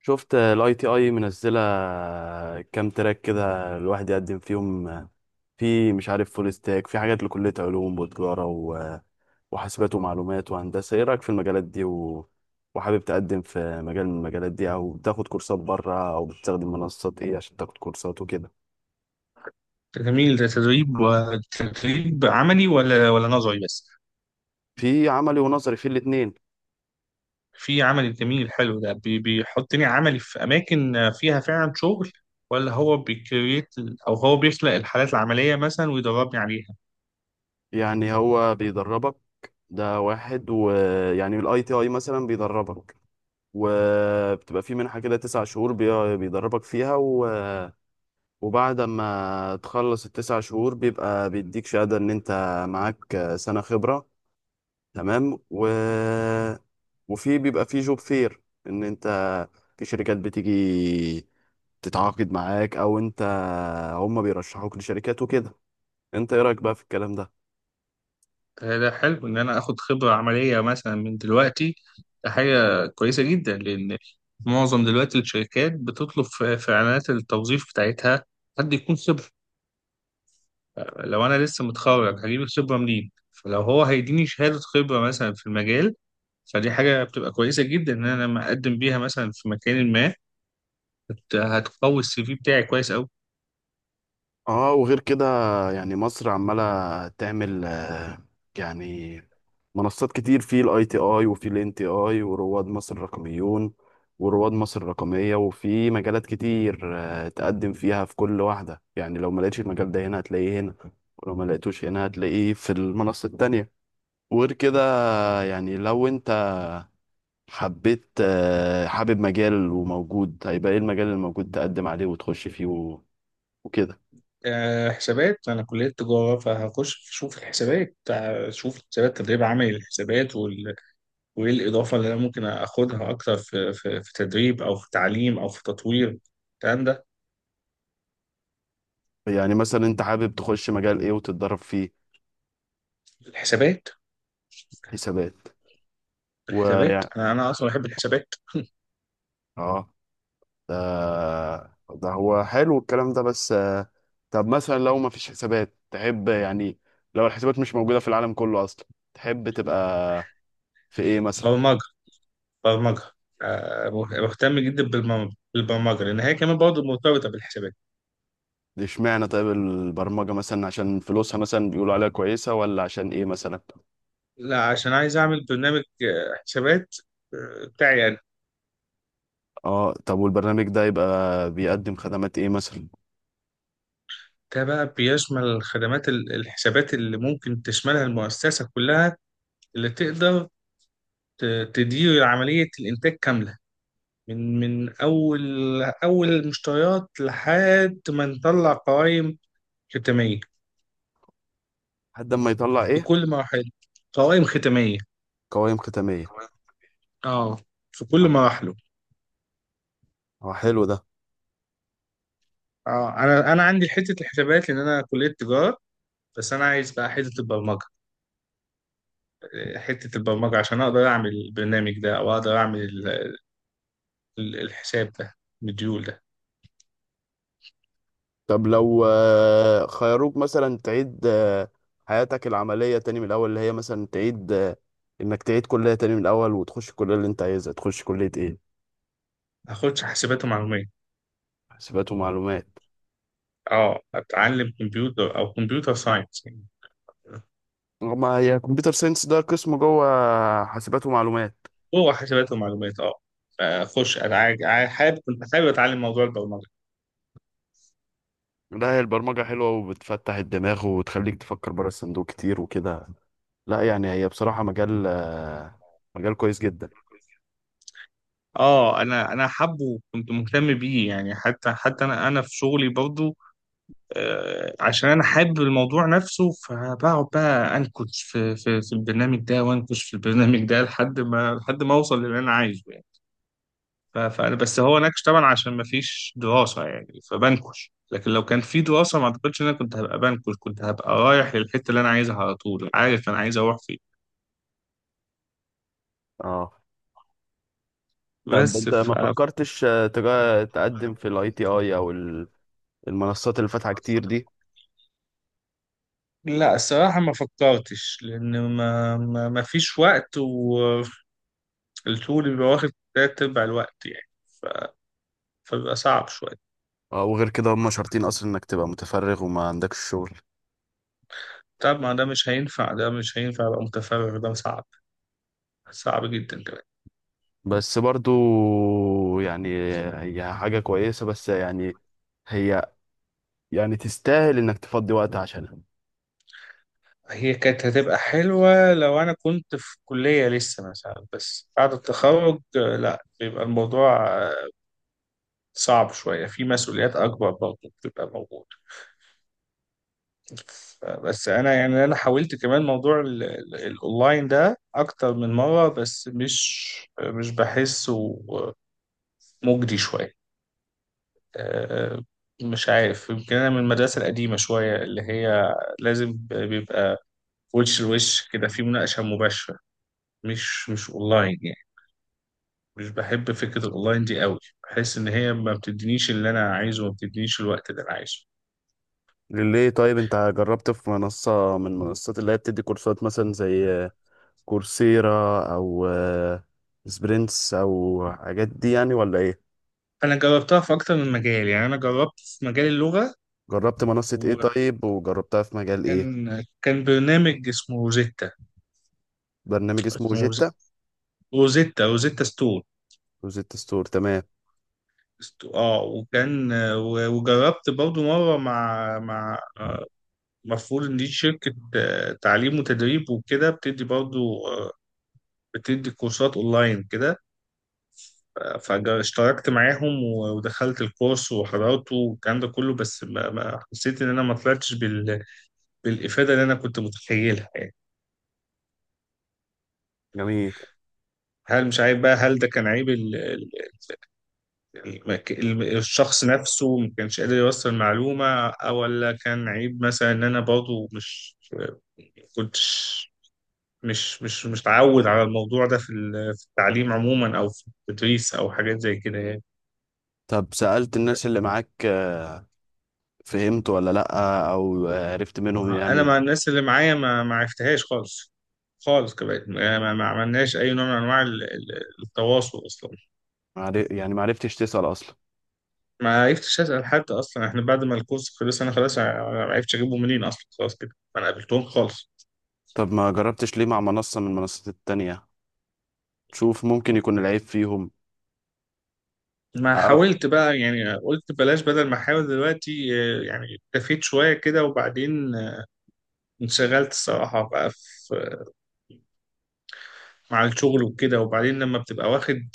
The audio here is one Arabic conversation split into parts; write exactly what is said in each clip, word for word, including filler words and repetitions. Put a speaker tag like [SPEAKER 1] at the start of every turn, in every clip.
[SPEAKER 1] شفت الاي تي اي منزله كام تراك كده الواحد يقدم فيهم. في مش عارف فول ستاك، في حاجات لكليه علوم وتجاره و- وحاسبات ومعلومات وهندسه. ايه رايك في المجالات دي و... وحابب تقدم في مجال من المجالات دي، او بتاخد كورسات بره، او بتستخدم منصات ايه عشان تاخد كورسات وكده؟
[SPEAKER 2] جميل، ده تدريب وتدريب عملي ولا ولا نظري بس؟
[SPEAKER 1] في عملي ونظري، في الاتنين.
[SPEAKER 2] في عملي جميل، حلو ده بي- بيحطني عملي في أماكن فيها فعلا شغل؟ ولا هو بيكريت؟ أو هو بيخلق الحالات العملية مثلا ويدربني عليها؟
[SPEAKER 1] يعني هو بيدربك، ده واحد. ويعني الاي تي اي مثلا بيدربك، وبتبقى في منحة كده تسع شهور بي- بيدربك فيها. وبعد ما تخلص التسع شهور بيبقى بيديك شهادة إن أنت معاك سنة خبرة، تمام. و... وفي بيبقى في جوب فير، إن أنت في شركات بتيجي تتعاقد معاك، أو أنت، هما بيرشحوك لشركات وكده. أنت إيه رأيك بقى في الكلام ده؟
[SPEAKER 2] ده ده حلو إن أنا آخد خبرة عملية مثلا من دلوقتي، ده حاجة كويسة جدا، لأن معظم دلوقتي الشركات بتطلب في في إعلانات التوظيف بتاعتها حد يكون خبرة. لو انا لسه متخرج هجيب الخبره منين؟ فلو هو هيديني شهاده خبره مثلا في المجال، فدي حاجه بتبقى كويسه جدا ان انا لما اقدم بيها مثلا في مكان ما هت- هتقوي السي في بتاعي كويس قوي.
[SPEAKER 1] اه، وغير كده، يعني مصر عمالة تعمل آه، يعني منصات كتير، في الاي تي اي وفي الان تي اي ورواد مصر الرقميون ورواد مصر الرقمية، وفي مجالات كتير آه، تقدم فيها في كل واحدة. يعني لو ما لقيتش المجال ده هنا هتلاقيه هنا، ولو ما لقيتوش هنا هتلاقيه في المنصة التانية. وغير كده آه، يعني لو انت حبيت آه، حابب مجال وموجود، هيبقى ايه المجال الموجود تقدم عليه وتخش فيه و- وكده.
[SPEAKER 2] أه، حسابات، انا كليه تجاره، فهخش اشوف الحسابات، اشوف الحسابات تدريب عملي، الحسابات وال... وايه الاضافه اللي انا ممكن اخدها اكتر في في, في تدريب او في تعليم او في تطوير الكلام ده.
[SPEAKER 1] يعني مثلا انت حابب تخش مجال ايه وتتدرب فيه؟
[SPEAKER 2] الحسابات.
[SPEAKER 1] حسابات،
[SPEAKER 2] الحسابات،
[SPEAKER 1] ويعني
[SPEAKER 2] انا انا اصلا بحب الحسابات.
[SPEAKER 1] اه. ده ده هو حلو الكلام ده، بس آه، طب مثلا لو ما فيش حسابات تحب، يعني لو الحسابات مش موجودة في العالم كله اصلا، تحب تبقى في ايه مثلا؟
[SPEAKER 2] برمجه، برمجة. آه، مهتم جدا بالبرم- بالبرمجة، لأن هي كمان برضه مرتبطة بالحسابات.
[SPEAKER 1] اشمعنى طيب البرمجة مثلا، عشان فلوسها مثلا بيقولوا عليها كويسة، ولا عشان ايه مثلا؟
[SPEAKER 2] لا، عشان عايز أعمل برنامج آه، حسابات آه، بتاعي أنا.
[SPEAKER 1] اه، طب والبرنامج ده يبقى بيقدم خدمات ايه مثلا؟
[SPEAKER 2] ده بقى بيشمل خدمات ال- الحسابات اللي ممكن تشملها المؤسسة كلها، اللي تقدر ت- تدير عملية الإنتاج كاملة، من من أول أول المشتريات لحد ما نطلع قوائم ختامية.
[SPEAKER 1] لحد ما يطلع ايه؟
[SPEAKER 2] بكل مراحل. قوائم ختامية.
[SPEAKER 1] قوائم ختامية.
[SPEAKER 2] اه. في كل
[SPEAKER 1] اه،
[SPEAKER 2] مراحله.
[SPEAKER 1] هو حلو ده.
[SPEAKER 2] اه. انا انا عندي حته الحسابات، لان انا كليه تجاره، بس انا عايز بقى حته البرمجه، حته البرمجه عشان اقدر اعمل البرنامج ده، او اقدر اعمل ال- ال- الحساب ده، مديول ده.
[SPEAKER 1] طب لو آه، خيروك مثلا تعيد آه، حياتك العملية تاني من الأول، اللي هي مثلا تعيد آه، إنك تعيد كلية تاني من الأول، وتخش الكلية اللي أنت عايزها، تخش كلية إيه؟
[SPEAKER 2] هاخدش حسابات ومعلومات.
[SPEAKER 1] حاسبات ومعلومات.
[SPEAKER 2] اه، اتعلم كمبيوتر او كمبيوتر ساينس يعني.
[SPEAKER 1] ما هي كمبيوتر ساينس ده قسم جوه حاسبات ومعلومات.
[SPEAKER 2] هو حسابات ومعلومات، اه. اخش انا عاج- عاي- حابب، كنت حابب اتعلم موضوع البرمجه.
[SPEAKER 1] لا، هي البرمجة حلوة وبتفتح الدماغ وتخليك تفكر بره الصندوق كتير وكده. لا يعني هي بصراحة مجال آه، مجال كويس جدا.
[SPEAKER 2] اه، انا انا حابه وكنت مهتم بيه يعني، حتى حتى انا انا في شغلي برضه. آه، عشان انا حابب الموضوع نفسه، فبقعد بقى انكش في في في البرنامج ده، وانكش في البرنامج ده لحد ما لحد ما اوصل للي انا عايزه يعني. ف- فانا بس هو نكش طبعا عشان ما فيش دراسه يعني، فبنكش، لكن لو كان في دراسه ما اعتقدش ان انا كنت هبقى بنكش، كنت هبقى رايح للحته اللي انا عايزها على طول، عارف انا عايز اروح فين.
[SPEAKER 1] اه، طب
[SPEAKER 2] بس
[SPEAKER 1] انت
[SPEAKER 2] ف
[SPEAKER 1] ما فكرتش آه، تجا- تقدم في الاي تي اي او ال- المنصات اللي فاتحة كتير دي؟
[SPEAKER 2] لا، الصراحة ما فكرتش، لأن ما ما ما فيش وقت، والشغل بيبقى واخد تلات أرباع الوقت يعني، فبيبقى صعب شوية.
[SPEAKER 1] آه، وغير كده هم شرطين اصلا انك تبقى متفرغ وما عندكش شغل.
[SPEAKER 2] طب ما ده مش هينفع، ده مش هينفع أبقى متفرغ، ده صعب، صعب جدا كمان.
[SPEAKER 1] بس برضو يعني هي حاجة كويسة، بس يعني هي، يعني تستاهل انك تفضي وقت عشانها.
[SPEAKER 2] هي كانت هتبقى حلوة لو أنا كنت في كلية لسه مثلا، بس بعد التخرج آه، لا، بيبقى الموضوع آه، صعب شوية، في مسؤوليات أكبر برضه بتبقى موجودة. ف- بس أنا يعني أنا حاولت كمان موضوع ال- ال- الأونلاين ده أكتر من مرة، بس مش مش بحسه مجدي شوية. آه، مش عارف، يمكن انا من المدرسه القديمه شويه، اللي هي لازم بيبقى وش لوش كده في مناقشه مباشره، مش مش اونلاين يعني. مش بحب فكره الاونلاين دي قوي، بحس ان هي ما بتدينيش اللي انا عايزه، وما بتدينيش الوقت اللي انا عايزه.
[SPEAKER 1] ليه طيب انت جربت في منصة من منصات اللي هي بتدي كورسات، مثلا زي كورسيرا او آه، سبرينتس او حاجات دي يعني، ولا ايه؟
[SPEAKER 2] انا جربتها في اكتر من مجال، يعني انا جربت في مجال اللغه،
[SPEAKER 1] جربت منصة ايه
[SPEAKER 2] وكان
[SPEAKER 1] طيب، وجربتها في مجال ايه؟
[SPEAKER 2] كان برنامج اسمه روزيتا.
[SPEAKER 1] برنامج اسمه
[SPEAKER 2] اسمه روزيتا
[SPEAKER 1] جيتا؟
[SPEAKER 2] روزيتا روزيتا ستون.
[SPEAKER 1] وجيتا ستور، تمام.
[SPEAKER 2] است- اه وكان و- وجربت برضو مره مع مع المفروض ان دي شركة آه، تعليم وتدريب وكده، بتدي برضو آه، بتدي كورسات اونلاين كده. فاشتركت معاهم و- ودخلت الكورس وحضرته والكلام ده كله، بس ما ما حسيت ان انا ما طلعتش بال... بالافادة اللي انا كنت متخيلها يعني.
[SPEAKER 1] جميل.
[SPEAKER 2] هل مش عارف بقى، هل ده كان عيب ال... ال... المك- الم- الشخص نفسه ما كانش قادر يوصل المعلومة؟ أو ولا كان عيب مثلا ان انا برضو مش كنتش مش مش مش متعود على الموضوع ده في ال- في التعليم عموما، او في التدريس، او حاجات زي كده يعني.
[SPEAKER 1] طب سألت الناس اللي معاك فهمت ولا لأ، أو عرفت منهم
[SPEAKER 2] انا
[SPEAKER 1] يعني؟
[SPEAKER 2] مع الناس اللي معايا ما ما عرفتهاش خالص، خالص كمان ما, ما ما عملناش اي نوع من انواع ال- ال- التواصل اصلا.
[SPEAKER 1] معر- يعني معرفتش تسأل أصلا؟
[SPEAKER 2] ما عرفتش اسال حد اصلا، احنا بعد ما الكورس خلص انا خلاص، ع- ما عرفتش اجيبه منين اصلا، خلاص كده ما انا قابلتهم خالص.
[SPEAKER 1] طب ما جربتش ليه مع منصة من المنصات التانية، تشوف ممكن يكون العيب فيهم؟
[SPEAKER 2] ما
[SPEAKER 1] أه،
[SPEAKER 2] حاولت بقى يعني، قلت بلاش بدل ما احاول دلوقتي، آه، يعني اكتفيت شويه كده، وبعدين آه، انشغلت الصراحه بقى مع الشغل وكده. وبعدين لما بتبقى واخد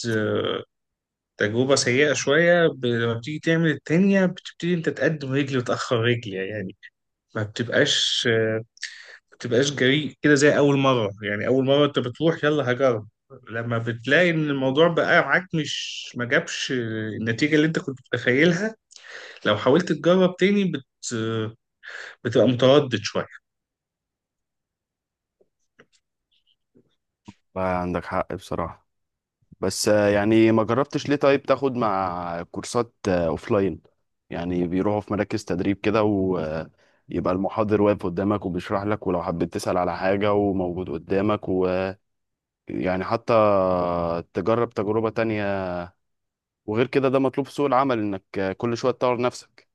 [SPEAKER 2] تجربة سيئة شوية، ب... لما بتيجي تعمل التانية بتبتدي انت تقدم رجل وتأخر رجل يعني، ما بتبقاش ما بتبقاش جريء كده زي أول مرة، يعني أول مرة انت بتروح يلا هجرب. لما بتلاقي ان الموضوع بقى معاك مش ما جابش النتيجة اللي انت كنت متخيلها، لو حاولت تجرب تاني بت... بتبقى متردد شوية.
[SPEAKER 1] عندك حق بصراحة. بس آه، يعني ما جربتش ليه طيب تاخد مع كورسات آه، أوفلاين؟ يعني بيروحوا في مراكز تدريب كده، ويبقى المحاضر واقف قدامك وبيشرح لك، ولو حبيت تسأل على حاجة وموجود قدامك، ويعني حتى تجرب تجربة تانية. وغير كده ده مطلوب في سوق العمل انك كل شويه تطور نفسك.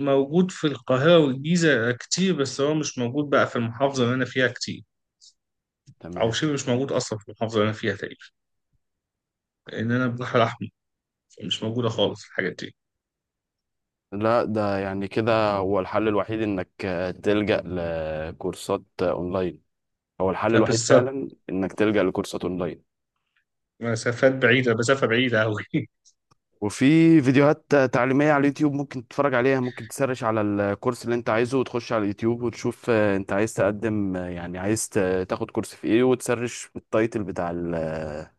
[SPEAKER 2] موجود في القاهرة والجيزة كتير، بس هو مش موجود بقى في المحافظة اللي أنا فيها كتير، او
[SPEAKER 1] تمام.
[SPEAKER 2] شبه مش موجود اصلا في المحافظه اللي انا فيها تقريبا، لان انا البحر الاحمر، فمش موجوده خالص الحاجات دي،
[SPEAKER 1] لا ده يعني كده هو الحل الوحيد انك تلجأ لكورسات اونلاين، هو الحل الوحيد
[SPEAKER 2] فبالظبط.
[SPEAKER 1] فعلا انك تلجأ لكورسات اونلاين.
[SPEAKER 2] مسافات بعيده، مسافه بعيده قوي
[SPEAKER 1] وفي فيديوهات تعليمية على اليوتيوب ممكن تتفرج عليها، ممكن تسرش على الكورس اللي انت عايزه وتخش على اليوتيوب وتشوف آه، انت عايز تقدم آه، يعني عايز ت- تاخد كورس في ايه، وتسرش التايتل بتاع ال- آه،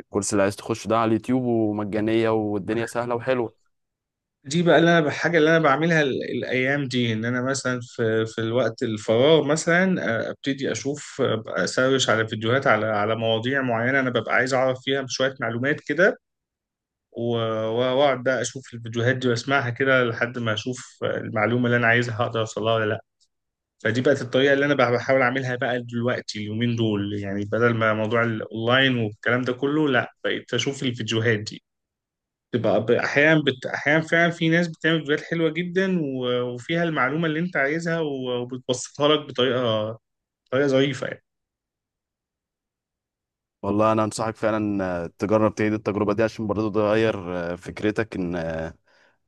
[SPEAKER 1] الكورس اللي عايز تخش ده على اليوتيوب، ومجانية والدنيا سهلة وحلوة.
[SPEAKER 2] دي بقى اللي انا الحاجه اللي انا بعملها ال- الايام دي، ان انا مثلا في في الوقت الفراغ مثلا، آه، ابتدي اشوف، آه، اسرش على فيديوهات على على مواضيع معينه انا ببقى عايز اعرف فيها شويه معلومات كده. و- واقعد بقى اشوف الفيديوهات دي واسمعها كده لحد ما اشوف المعلومه اللي انا عايزها، هقدر اوصلها ولا لا. فدي بقت الطريقة اللي أنا بح- بحاول أعملها بقى دلوقتي اليومين دول يعني، بدل ما موضوع الأونلاين والكلام ده كله، لا، بقيت أشوف الفيديوهات دي. تبقى ب- أحيانا بت... أحيانا فعلا في ناس بتعمل فيديوهات حلوة جدا، و... وفيها المعلومة اللي أنت عايزها، و... وبتبسطها لك بطريقة، طريقة ظريفة يعني.
[SPEAKER 1] والله انا انصحك فعلا آه، تجرب تعيد التجربه دي، عشان برضه تغير آه، فكرتك ان آه،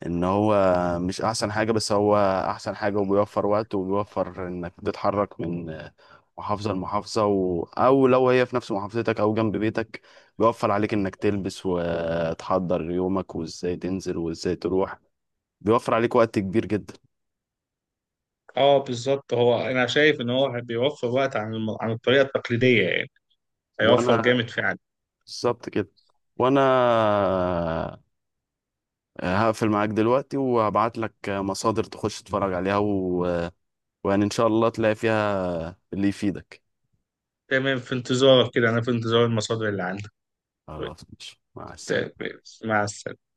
[SPEAKER 1] ان هو مش احسن حاجه، بس هو احسن حاجه، وبيوفر وقت، وبيوفر انك تتحرك من آه، محافظه لمحافظه و... او لو هي في نفس محافظتك او جنب بيتك، بيوفر عليك انك تلبس وتحضر يومك وازاي تنزل وازاي تروح، بيوفر عليك وقت كبير جدا.
[SPEAKER 2] اه بالظبط، هو انا شايف ان هو بيوفر وقت عن الم... عن الطريقه التقليديه يعني، هيوفر
[SPEAKER 1] وانا
[SPEAKER 2] جامد فعلا.
[SPEAKER 1] بالظبط كده. وانا آه، هقفل معاك دلوقتي وهبعت لك مصادر تخش تتفرج عليها و... ويعني ان شاء الله تلاقي فيها اللي يفيدك.
[SPEAKER 2] تمام، في انتظارك كده، انا في انتظار المصادر اللي عندك. طيب،
[SPEAKER 1] خلاص ماشي، مع
[SPEAKER 2] ت-
[SPEAKER 1] السلامة.
[SPEAKER 2] مع السلامه.